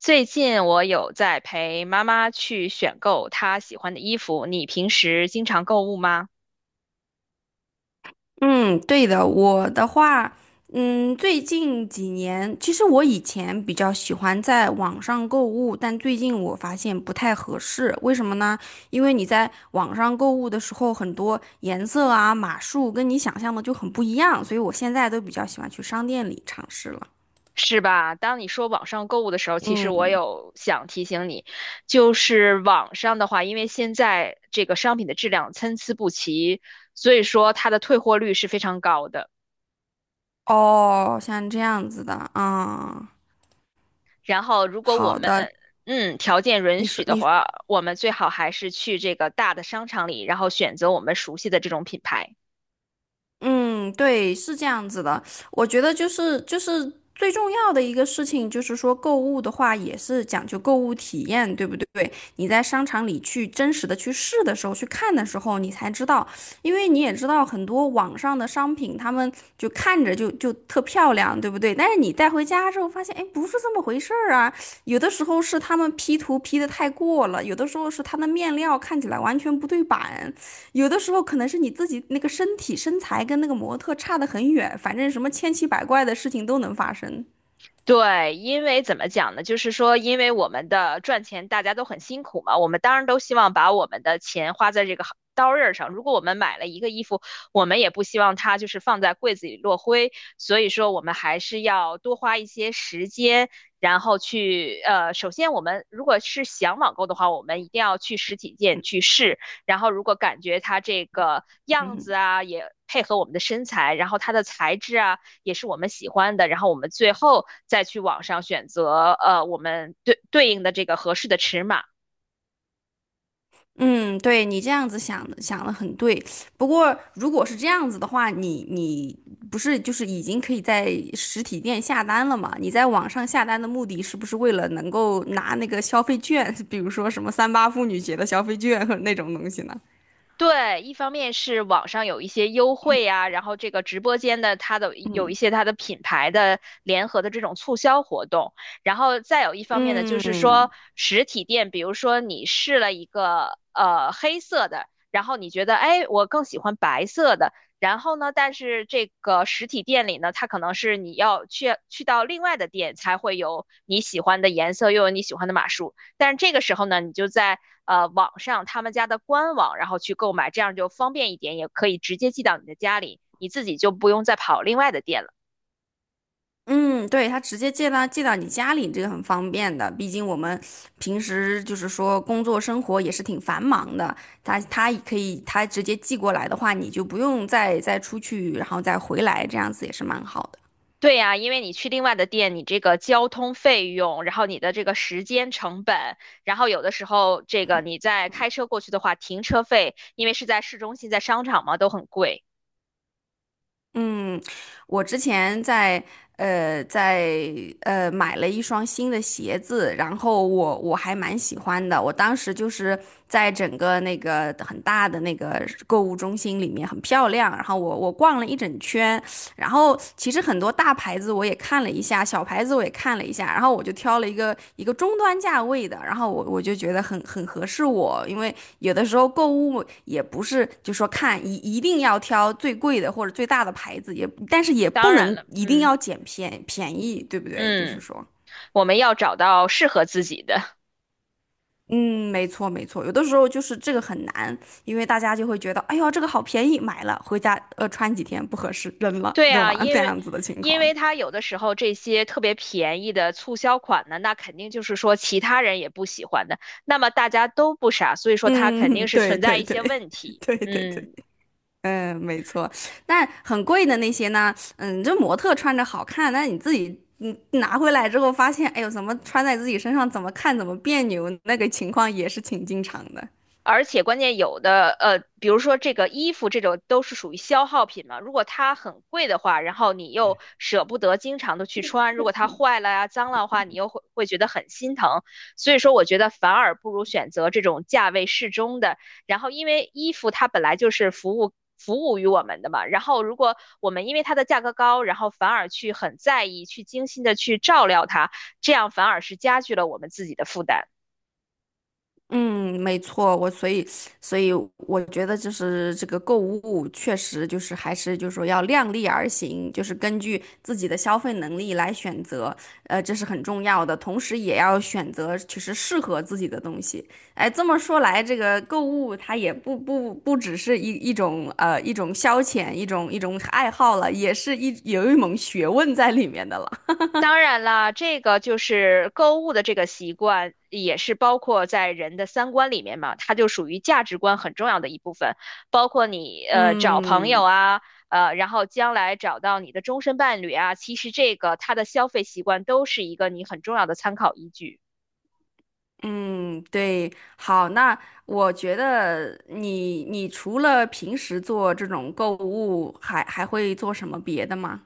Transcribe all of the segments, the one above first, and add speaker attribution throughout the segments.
Speaker 1: 最近我有在陪妈妈去选购她喜欢的衣服。你平时经常购物吗？
Speaker 2: 嗯，对的，我的话，最近几年，其实我以前比较喜欢在网上购物，但最近我发现不太合适，为什么呢？因为你在网上购物的时候，很多颜色啊、码数跟你想象的就很不一样，所以我现在都比较喜欢去商店里尝试了。
Speaker 1: 是吧？当你说网上购物的时候，其实我
Speaker 2: 嗯，
Speaker 1: 有想提醒你，就是网上的话，因为现在这个商品的质量参差不齐，所以说它的退货率是非常高的。
Speaker 2: 哦，像这样子的，啊，
Speaker 1: 然后，如果我
Speaker 2: 好
Speaker 1: 们
Speaker 2: 的，
Speaker 1: 条件允
Speaker 2: 你
Speaker 1: 许
Speaker 2: 说
Speaker 1: 的
Speaker 2: 你。
Speaker 1: 话，我们最好还是去这个大的商场里，然后选择我们熟悉的这种品牌。
Speaker 2: 嗯，对，是这样子的。我觉得就是最重要的一个事情，就是说购物的话也是讲究购物体验，对不对？你在商场里去真实的去试的时候，去看的时候，你才知道，因为你也知道很多网上的商品，他们就看着就特漂亮，对不对？但是你带回家之后发现，哎，不是这么回事儿啊。有的时候是他们 P 图 P 得太过了，有的时候是它的面料看起来完全不对版。有的时候可能是你自己那个身材跟那个模特差得很远，反正什么千奇百怪的事情都能发生。
Speaker 1: 对，因为怎么讲呢？就是说，因为我们的赚钱大家都很辛苦嘛，我们当然都希望把我们的钱花在这个行刀刃上。如果我们买了一个衣服，我们也不希望它就是放在柜子里落灰，所以说我们还是要多花一些时间，然后去首先我们如果是想网购的话，我们一定要去实体店去试，然后如果感觉它这个样
Speaker 2: 嗯，
Speaker 1: 子啊，也配合我们的身材，然后它的材质啊。也是我们喜欢的，然后我们最后再去网上选择我们对应的这个合适的尺码。
Speaker 2: 嗯，对，你这样子想的很对。不过如果是这样子的话，你不是就是已经可以在实体店下单了嘛？你在网上下单的目的是不是为了能够拿那个消费券，比如说什么三八妇女节的消费券和那种东西呢？
Speaker 1: 对，一方面是网上有一些优惠啊，然后这个直播间的它的有一些它的品牌的联合的这种促销活动，然后再有一方面呢，就是说
Speaker 2: 嗯。
Speaker 1: 实体店，比如说你试了一个黑色的，然后你觉得哎我更喜欢白色的，然后呢，但是这个实体店里呢，它可能是你要去到另外的店才会有你喜欢的颜色，又有你喜欢的码数。但是这个时候呢，你就在网上他们家的官网，然后去购买，这样就方便一点，也可以直接寄到你的家里，你自己就不用再跑另外的店了。
Speaker 2: 嗯，对，他直接寄到你家里，这个很方便的。毕竟我们平时就是说工作生活也是挺繁忙的，他也可以他直接寄过来的话，你就不用再出去，然后再回来，这样子也是蛮好的。
Speaker 1: 对呀，因为你去另外的店，你这个交通费用，然后你的这个时间成本，然后有的时候这个你在开车过去的话，停车费，因为是在市中心，在商场嘛，都很贵。
Speaker 2: 嗯，我之前在在买了一双新的鞋子，然后我还蛮喜欢的。我当时就是在整个那个很大的那个购物中心里面很漂亮，然后我逛了一整圈。然后其实很多大牌子我也看了一下，小牌子我也看了一下，然后我就挑了一个中端价位的，然后我就觉得很合适我，因为有的时候购物也不是就说看一定要挑最贵的或者最大的牌子，也但是也不
Speaker 1: 当然
Speaker 2: 能
Speaker 1: 了，
Speaker 2: 一定
Speaker 1: 嗯
Speaker 2: 要捡便宜，对不对？就是
Speaker 1: 嗯，
Speaker 2: 说。
Speaker 1: 我们要找到适合自己的。
Speaker 2: 嗯，没错，有的时候就是这个很难，因为大家就会觉得，哎呦，这个好便宜，买了回家穿几天不合适，扔了，
Speaker 1: 对
Speaker 2: 对
Speaker 1: 啊，
Speaker 2: 吗？
Speaker 1: 因
Speaker 2: 这
Speaker 1: 为
Speaker 2: 样子的情况。
Speaker 1: 它有的时候这些特别便宜的促销款呢，那肯定就是说其他人也不喜欢的，那么大家都不傻，所以说它肯
Speaker 2: 嗯，
Speaker 1: 定是
Speaker 2: 对
Speaker 1: 存在
Speaker 2: 对
Speaker 1: 一
Speaker 2: 对
Speaker 1: 些问 题。
Speaker 2: 对对对，
Speaker 1: 嗯
Speaker 2: 嗯，没错。但很贵的那些呢，嗯，这模特穿着好看，那你自己拿回来之后发现，哎呦，怎么穿在自己身上怎么看怎么别扭，那个情况也是挺经常的。
Speaker 1: 而且关键有的比如说这个衣服这种都是属于消耗品嘛，如果它很贵的话，然后你又舍不得经常的去穿，如果它坏了呀、脏了的话，你又会觉得很心疼。所以说，我觉得反而不如选择这种价位适中的。然后，因为衣服它本来就是服务于我们的嘛，然后如果我们因为它的价格高，然后反而去很在意、去精心的去照料它，这样反而是加剧了我们自己的负担。
Speaker 2: 嗯，没错，我所以所以我觉得就是这个购物确实就是还是就是说要量力而行，就是根据自己的消费能力来选择，这是很重要的，同时也要选择其实适合自己的东西。哎，这么说来，这个购物它也不只是一种一种消遣，一种爱好了，也是有一门学问在里面的了。
Speaker 1: 当然啦，这个就是购物的这个习惯，也是包括在人的三观里面嘛，它就属于价值观很重要的一部分，包括你找朋友
Speaker 2: 嗯。
Speaker 1: 啊，呃，然后将来找到你的终身伴侣啊，其实这个它的消费习惯都是一个你很重要的参考依据。
Speaker 2: 嗯，对，好，那我觉得你除了平时做这种购物，还会做什么别的吗？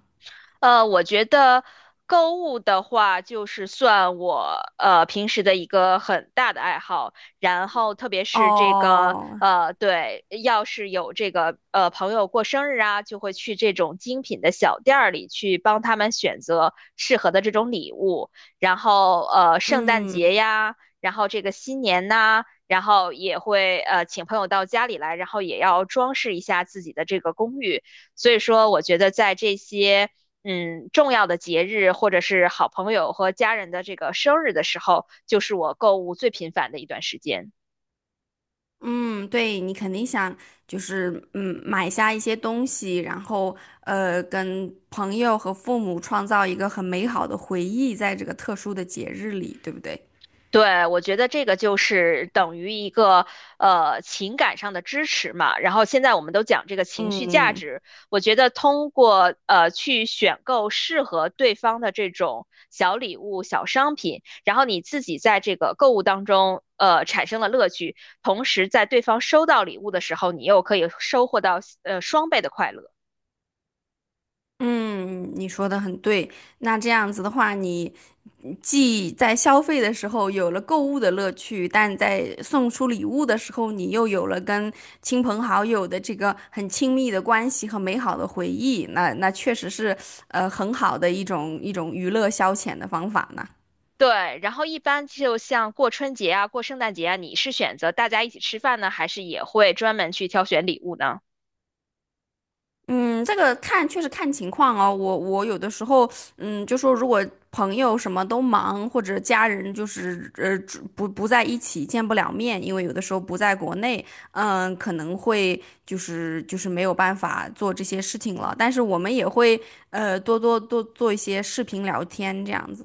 Speaker 1: 呃，我觉得购物的话，就是算我平时的一个很大的爱好。然后，特别是这个
Speaker 2: 哦，
Speaker 1: 呃，对，要是有这个朋友过生日啊，就会去这种精品的小店儿里去帮他们选择适合的这种礼物。然后，呃，圣诞
Speaker 2: 嗯，
Speaker 1: 节呀，然后这个新年呐、然后也会请朋友到家里来，然后也要装饰一下自己的这个公寓。所以说，我觉得在这些嗯，重要的节日或者是好朋友和家人的这个生日的时候，就是我购物最频繁的一段时间。
Speaker 2: 嗯，对，你肯定想就是买下一些东西，然后跟朋友和父母创造一个很美好的回忆，在这个特殊的节日里，对不对？
Speaker 1: 对，我觉得这个就是等于一个情感上的支持嘛。然后现在我们都讲这个情绪价
Speaker 2: 嗯，
Speaker 1: 值，我觉得通过去选购适合对方的这种小礼物、小商品，然后你自己在这个购物当中产生了乐趣，同时在对方收到礼物的时候，你又可以收获到双倍的快乐。
Speaker 2: 嗯，你说的很对。那这样子的话，你。既在消费的时候有了购物的乐趣，但在送出礼物的时候，你又有了跟亲朋好友的这个很亲密的关系和美好的回忆。那那确实是很好的一种娱乐消遣的方法呢。
Speaker 1: 对，然后一般就像过春节啊、过圣诞节啊，你是选择大家一起吃饭呢，还是也会专门去挑选礼物呢？
Speaker 2: 嗯，这个看确实看情况哦。我有的时候，嗯，就说如果朋友什么都忙，或者家人就是只不在一起，见不了面，因为有的时候不在国内，嗯，可能会就是没有办法做这些事情了。但是我们也会多做一些视频聊天这样子。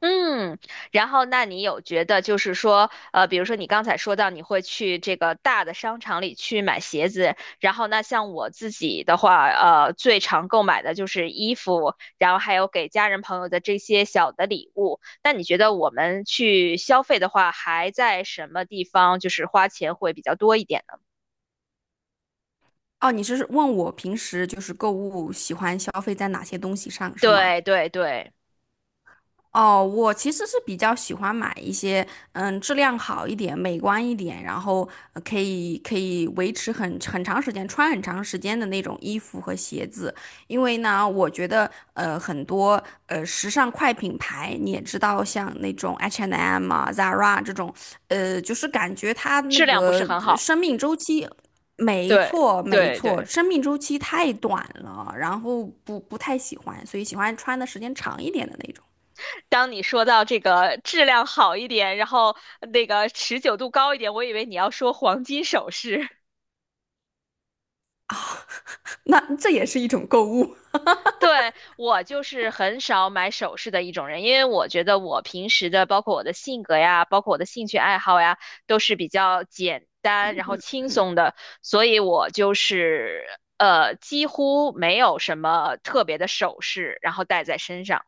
Speaker 1: 嗯，然后那你有觉得就是说，呃，比如说你刚才说到你会去这个大的商场里去买鞋子，然后那像我自己的话，呃，最常购买的就是衣服，然后还有给家人朋友的这些小的礼物。那你觉得我们去消费的话，还在什么地方就是花钱会比较多一点呢？
Speaker 2: 哦，你是问我平时就是购物喜欢消费在哪些东西上是吗？
Speaker 1: 对对对。
Speaker 2: 哦，我其实是比较喜欢买一些，嗯，质量好一点、美观一点，然后可以维持很长时间、穿很长时间的那种衣服和鞋子。因为呢，我觉得很多时尚快品牌，你也知道，像那种 H&M 啊、Zara 这种，就是感觉它那
Speaker 1: 质量不是
Speaker 2: 个
Speaker 1: 很好。
Speaker 2: 生命周期。没
Speaker 1: 对
Speaker 2: 错，没
Speaker 1: 对
Speaker 2: 错，
Speaker 1: 对，
Speaker 2: 生命周期太短了，然后不太喜欢，所以喜欢穿的时间长一点的那种。
Speaker 1: 当你说到这个质量好一点，然后那个持久度高一点，我以为你要说黄金首饰。
Speaker 2: 那这也是一种购物。
Speaker 1: 对，我就是很少买首饰的一种人，因为我觉得我平时的，包括我的性格呀，包括我的兴趣爱好呀，都是比较简单，然后轻松的，所以我就是几乎没有什么特别的首饰，然后戴在身上。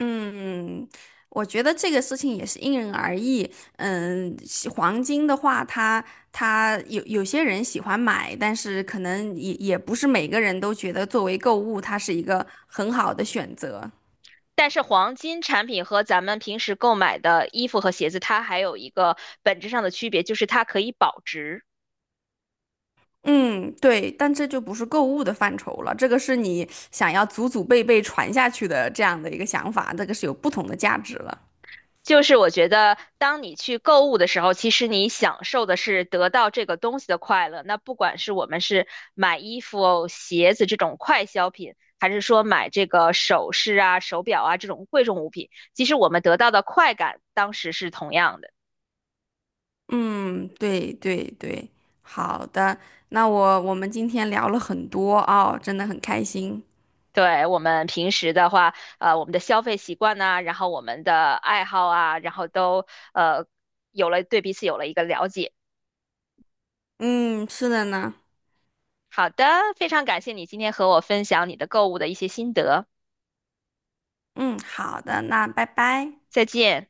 Speaker 2: 嗯，我觉得这个事情也是因人而异。嗯，喜黄金的话，它有些人喜欢买，但是可能也不是每个人都觉得作为购物，它是一个很好的选择。
Speaker 1: 但是黄金产品和咱们平时购买的衣服和鞋子，它还有一个本质上的区别，就是它可以保值。
Speaker 2: 嗯，对，但这就不是购物的范畴了，这个是你想要祖祖辈辈传下去的这样的一个想法，这个是有不同的价值了。
Speaker 1: 就是我觉得，当你去购物的时候，其实你享受的是得到这个东西的快乐。那不管是我们是买衣服、鞋子这种快消品，还是说买这个首饰啊、手表啊这种贵重物品，其实我们得到的快感当时是同样的。
Speaker 2: 嗯，对对对，好的，那我们今天聊了很多哦，真的很开心。
Speaker 1: 对，我们平时的话，呃，我们的消费习惯呐，然后我们的爱好啊，然后都呃有了对彼此有了一个了解。
Speaker 2: 嗯，是的呢。
Speaker 1: 好的，非常感谢你今天和我分享你的购物的一些心得，
Speaker 2: 嗯，好的，那拜拜。
Speaker 1: 再见。